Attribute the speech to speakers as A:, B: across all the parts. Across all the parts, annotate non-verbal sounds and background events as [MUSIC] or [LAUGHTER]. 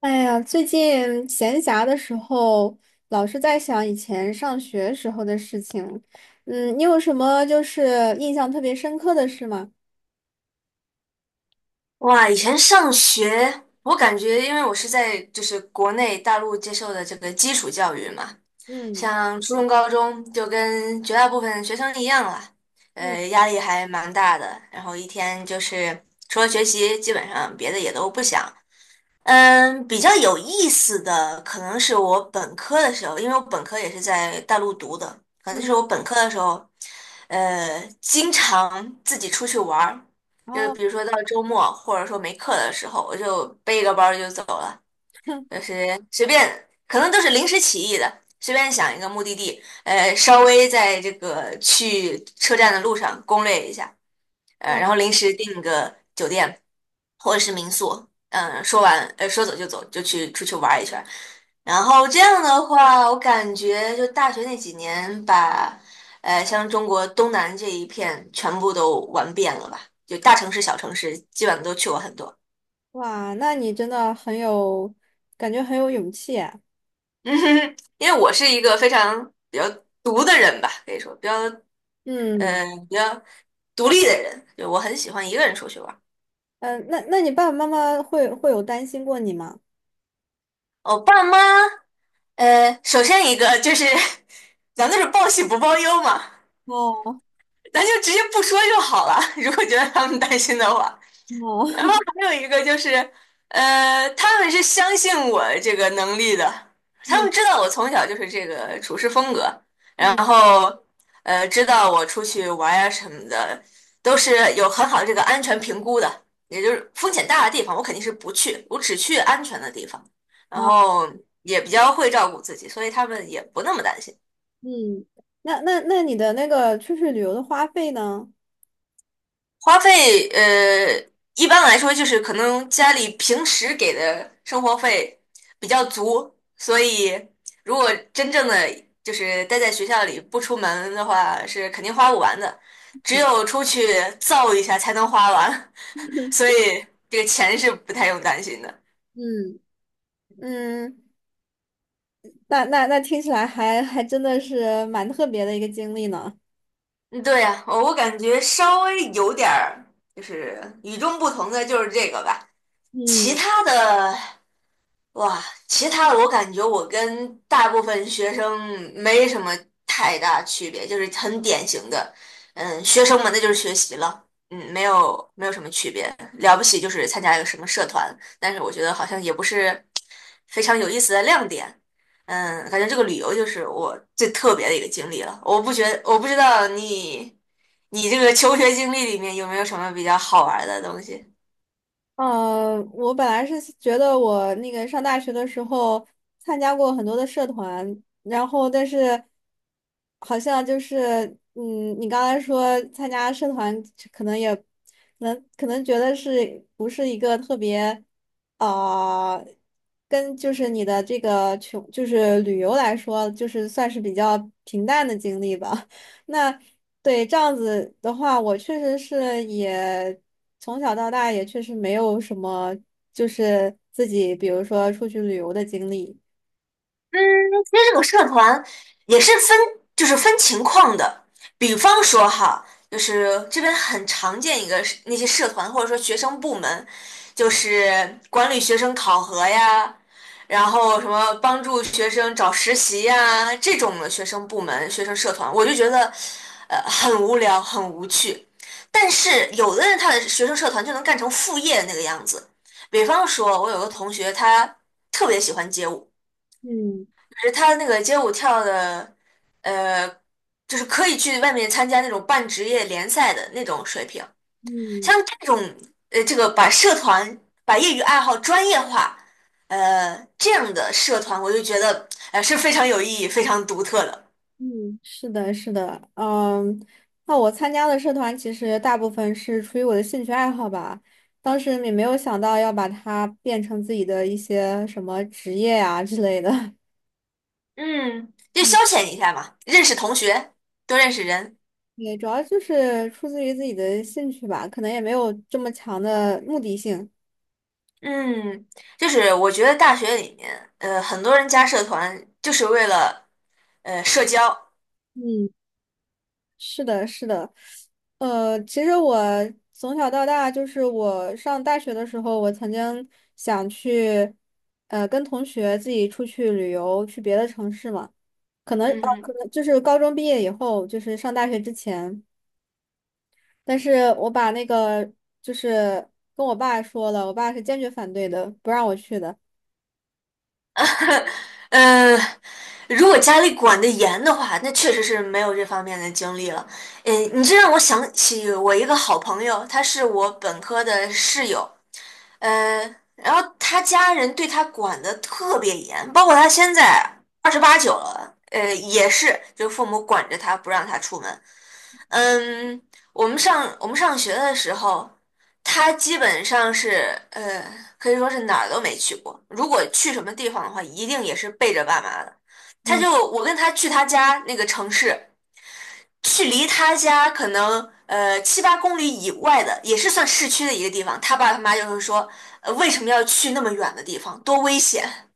A: 哎呀，最近闲暇的时候，老是在想以前上学时候的事情。嗯，你有什么就是印象特别深刻的事吗？
B: 哇，以前上学，我感觉因为我是在就是国内大陆接受的这个基础教育嘛，
A: 嗯
B: 像初中、高中就跟绝大部分学生一样了，
A: 嗯
B: 压力还蛮大的。然后一天就是除了学习，基本上别的也都不想，比较有意思的可能是我本科的时候，因为我本科也是在大陆读的，可能就
A: 嗯。
B: 是我本科的时候，经常自己出去玩儿，
A: 然
B: 就是
A: 后
B: 比如说到周末或者说没课的时候，我就背一个包儿就走了，就是随便，可能都是临时起意的，随便想一个目的地，稍微在这个去车站的路上攻略一下，
A: 哇
B: 然后临时订个酒店或者是民宿，说完说走就走，就去出去玩一圈儿。然后这样的话，我感觉就大学那几年把，像中国东南这一片全部都玩遍了吧，就大城市、小城市基本上都去过很多。[LAUGHS]
A: 哇，那你真的很有，感觉很有勇气啊。
B: 嗯哼，因为我是一个非常比较独的人吧，可以说比较
A: 嗯
B: 嗯，比较独立的人，就我很喜欢一个人出去玩。
A: 嗯，那那你爸爸妈妈会会有担心过你吗？
B: 我爸妈。首先一个就是，咱们都是报喜不报忧嘛，
A: 哦
B: 咱就直接不说就好了。[LAUGHS] 如果觉得他们担心的话，
A: 哦，
B: 然后
A: [LAUGHS]
B: 还有一个就是，他们是相信我这个能力的，他
A: 嗯
B: 们知道我从小就是这个处事风格，然
A: 嗯
B: 后，知道我出去玩呀什么的，都是有很好的这个安全评估的，也就是风险大的地方我肯定是不去，我只去安全的地方，然
A: 好。
B: 后也比较会照顾自己，所以他们也不那么担心。
A: 嗯，那那那你的那个出去旅游的花费呢？
B: 花费，一般来说就是可能家里平时给的生活费比较足，所以如果真正的就是待在学校里不出门的话，是肯定花不完的，只有出去造一下才能花完，[LAUGHS] 所以这个钱是不太用担心的。
A: 嗯嗯。那那那听起来还还真的是蛮特别的一个经历呢。
B: 嗯对呀，我感觉稍微有点儿就是与众不同的就是这个吧，其
A: 嗯，
B: 他的其他的我感觉我跟大部分学生没什么太大区别，就是很典型的，学生们那就是学习了，没有什么区别，了不起就是参加一个什么社团，但是我觉得好像也不是非常有意思的亮点，感觉这个旅游就是我最特别的一个经历了，我不知道你这个求学经历里面有没有什么比较好玩的东西。
A: 我本来是觉得我那个上大学的时候参加过很多的社团，然后但是好像就是，嗯，你刚才说参加社团可能也能可能觉得是不是一个特别啊、呃跟就是你的这个穷就是旅游来说，就是算是比较平淡的经历吧。[LAUGHS] 那对这样子的话，我确实是也。从小到大也确实没有什么，就是自己比如说出去旅游的经历。
B: 嗯，其实这个社团也是分，就是分情况的。比方说哈，就是这边很常见一个是那些社团或者说学生部门，就是管理学生考核呀，然后什么帮助学生找实习呀这种的学生部门、学生社团，我就觉得很无聊、很无趣。但是有的人他的学生社团就能干成副业那个样子。比方说，我有个同学他特别喜欢街舞。
A: 嗯
B: 是他那个街舞跳的，呃，就是可以去外面参加那种半职业联赛的那种水平。像
A: 嗯
B: 这种，这个把社团、把业余爱好专业化，这样的社团，我就觉得，是非常有意义、非常独特的。
A: 嗯，是的，是的，嗯，那我参加的社团其实大部分是出于我的兴趣爱好吧，当时也没有想到要把它变成自己的一些什么职业呀、之类的。[LAUGHS]
B: 嗯，就消遣一下嘛，认识同学，多认识人。
A: 对，主要就是出自于自己的兴趣吧，可能也没有这么强的目的性。
B: 嗯，就是我觉得大学里面，很多人加社团就是为了社交。
A: 嗯，是的，是的，其实我从小到大，就是我上大学的时候，我曾经想去，跟同学自己出去旅游，去别的城市嘛。可能
B: 嗯
A: 啊，可
B: 哼。
A: 能就是高中毕业以后，就是上大学之前，但是我把那个就是跟我爸说了，我爸是坚决反对的，不让我去的。
B: 嗯，如果家里管得严的话，那确实是没有这方面的经历了。你这让我想起我一个好朋友，他是我本科的室友，然后他家人对他管得特别严，包括他现在28、9了，也是就父母管着他不让他出门，嗯，我们上学的时候，他基本上是可以说是哪儿都没去过。如果去什么地方的话，一定也是背着爸妈的。他就我跟他去他家那个城市，去离他家可能7、8公里以外的，也是算市区的一个地方。他爸他妈就会说，为什么要去那么远的地方？多危险！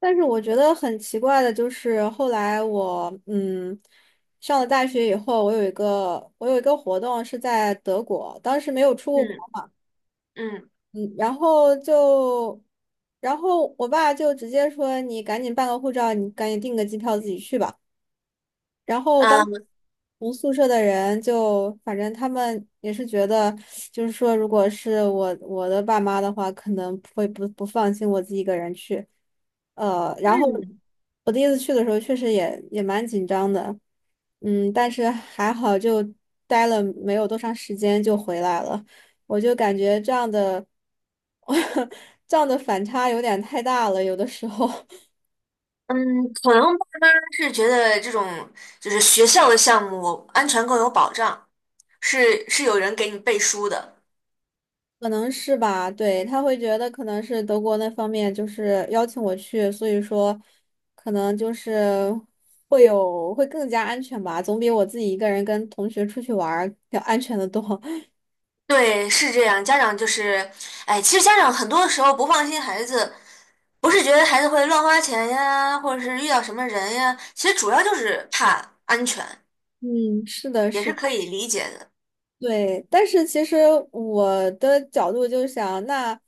A: 但是我觉得很奇怪的就是，后来我上了大学以后，我有一个活动是在德国，当时没有出过国
B: 嗯
A: 嘛，
B: 嗯
A: 嗯，然后就然后我爸就直接说你赶紧办个护照，你赶紧订个机票自己去吧。然后当
B: 嗯
A: 同宿舍的人就，反正他们也是觉得，就是说，如果是我的爸妈的话，可能会不放心我自己一个人去。然后我第一次去的时候，确实也也蛮紧张的，嗯，但是还好就待了没有多长时间就回来了。我就感觉这样的，[LAUGHS] 这样的反差有点太大了，有的时候。
B: 嗯，可能爸妈是觉得这种就是学校的项目安全更有保障。是是有人给你背书的。
A: 可能是吧，对，他会觉得可能是德国那方面就是邀请我去，所以说可能就是会有会更加安全吧，总比我自己一个人跟同学出去玩儿要安全的多。[LAUGHS]
B: 对，是这样。家长就是，哎，其实家长很多时候不放心孩子，不是觉得孩子会乱花钱呀，或者是遇到什么人呀，其实主要就是怕安全，
A: 嗯，是的，
B: 也
A: 是
B: 是
A: 的，
B: 可以理解的。
A: 对。但是其实我的角度就想，那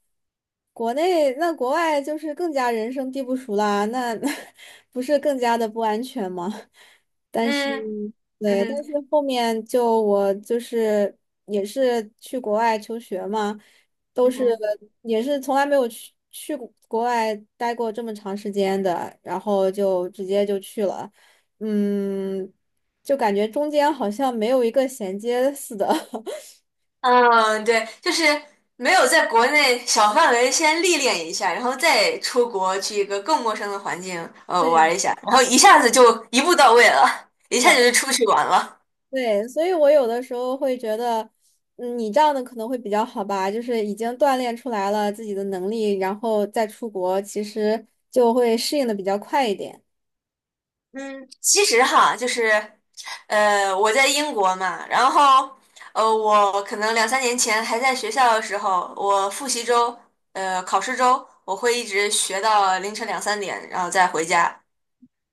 A: 国内那国外就是更加人生地不熟啦，那 [LAUGHS] 不是更加的不安全吗？
B: 嗯嗯
A: 对，但
B: 哼
A: 是后面就我就是也是去国外求学嘛，都
B: 嗯
A: 是
B: 哼
A: 也是从来没有去过国外待过这么长时间的，然后就直接就去了，嗯，就感觉中间好像没有一个衔接似的。[LAUGHS]
B: 嗯，对，就是没有在国内小范围先历练一下，然后再出国去一个更陌生的环境，玩
A: 对，
B: 一下，然后一下子就一步到位了，
A: 是
B: 一下
A: 的，
B: 子就出去玩了。
A: 对，所以我有的时候会觉得，嗯，你这样的可能会比较好吧，就是已经锻炼出来了自己的能力，然后再出国，其实就会适应的比较快一点。
B: 嗯，其实哈，就是，我在英国嘛，然后，我可能2、3年前还在学校的时候，我复习周，考试周，我会一直学到凌晨两三点，然后再回家。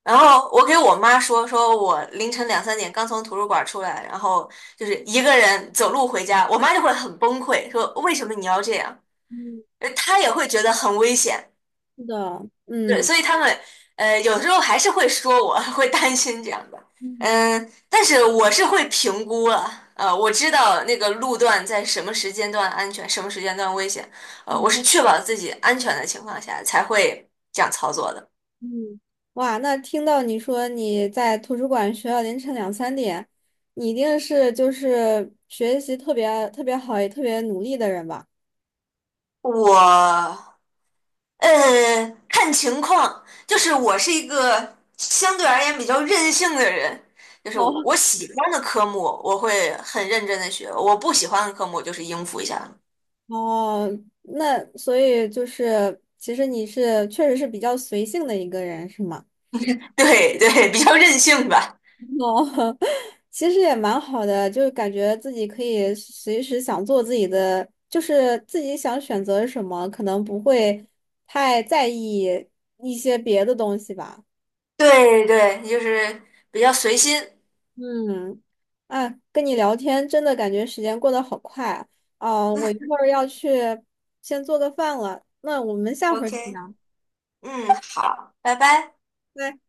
B: 然后我给我妈说我凌晨两三点刚从图书馆出来，然后就是一个人走路回家，我妈就会很崩溃，说为什么你要这样？
A: 嗯，
B: 她也会觉得很危险。
A: 是的，
B: 对，
A: 嗯
B: 所以他们有时候还是会说我，[LAUGHS] 会担心这样的，
A: 嗯
B: 嗯，但是我是会评估了，我知道那个路段在什么时间段安全，什么时间段危险，
A: 嗯
B: 我是确保自己安全的情况下才会这样操作的。
A: 嗯，哇，那听到你说你在图书馆学到凌晨2、3点，你一定是就是学习特别特别好，也特别努力的人吧？
B: 我呃看情况，就是我是一个相对而言比较任性的人，就是
A: 哦，
B: 我喜欢的科目我会很认真的学，我不喜欢的科目我就是应付一下。
A: 哦，那所以就是，其实你是确实是比较随性的一个人，是吗？
B: [LAUGHS] 对对，比较任性吧。
A: 哦，[LAUGHS] 其实也蛮好的，就感觉自己可以随时想做自己的，就是自己想选择什么，可能不会太在意一些别的东西吧。
B: 对对，就是比较随心。
A: 嗯，哎，跟你聊天真的感觉时间过得好快啊。哦，我一会儿要去先做个饭了，那我们下回儿再
B: OK，
A: 聊。
B: 嗯，好，拜拜。
A: 拜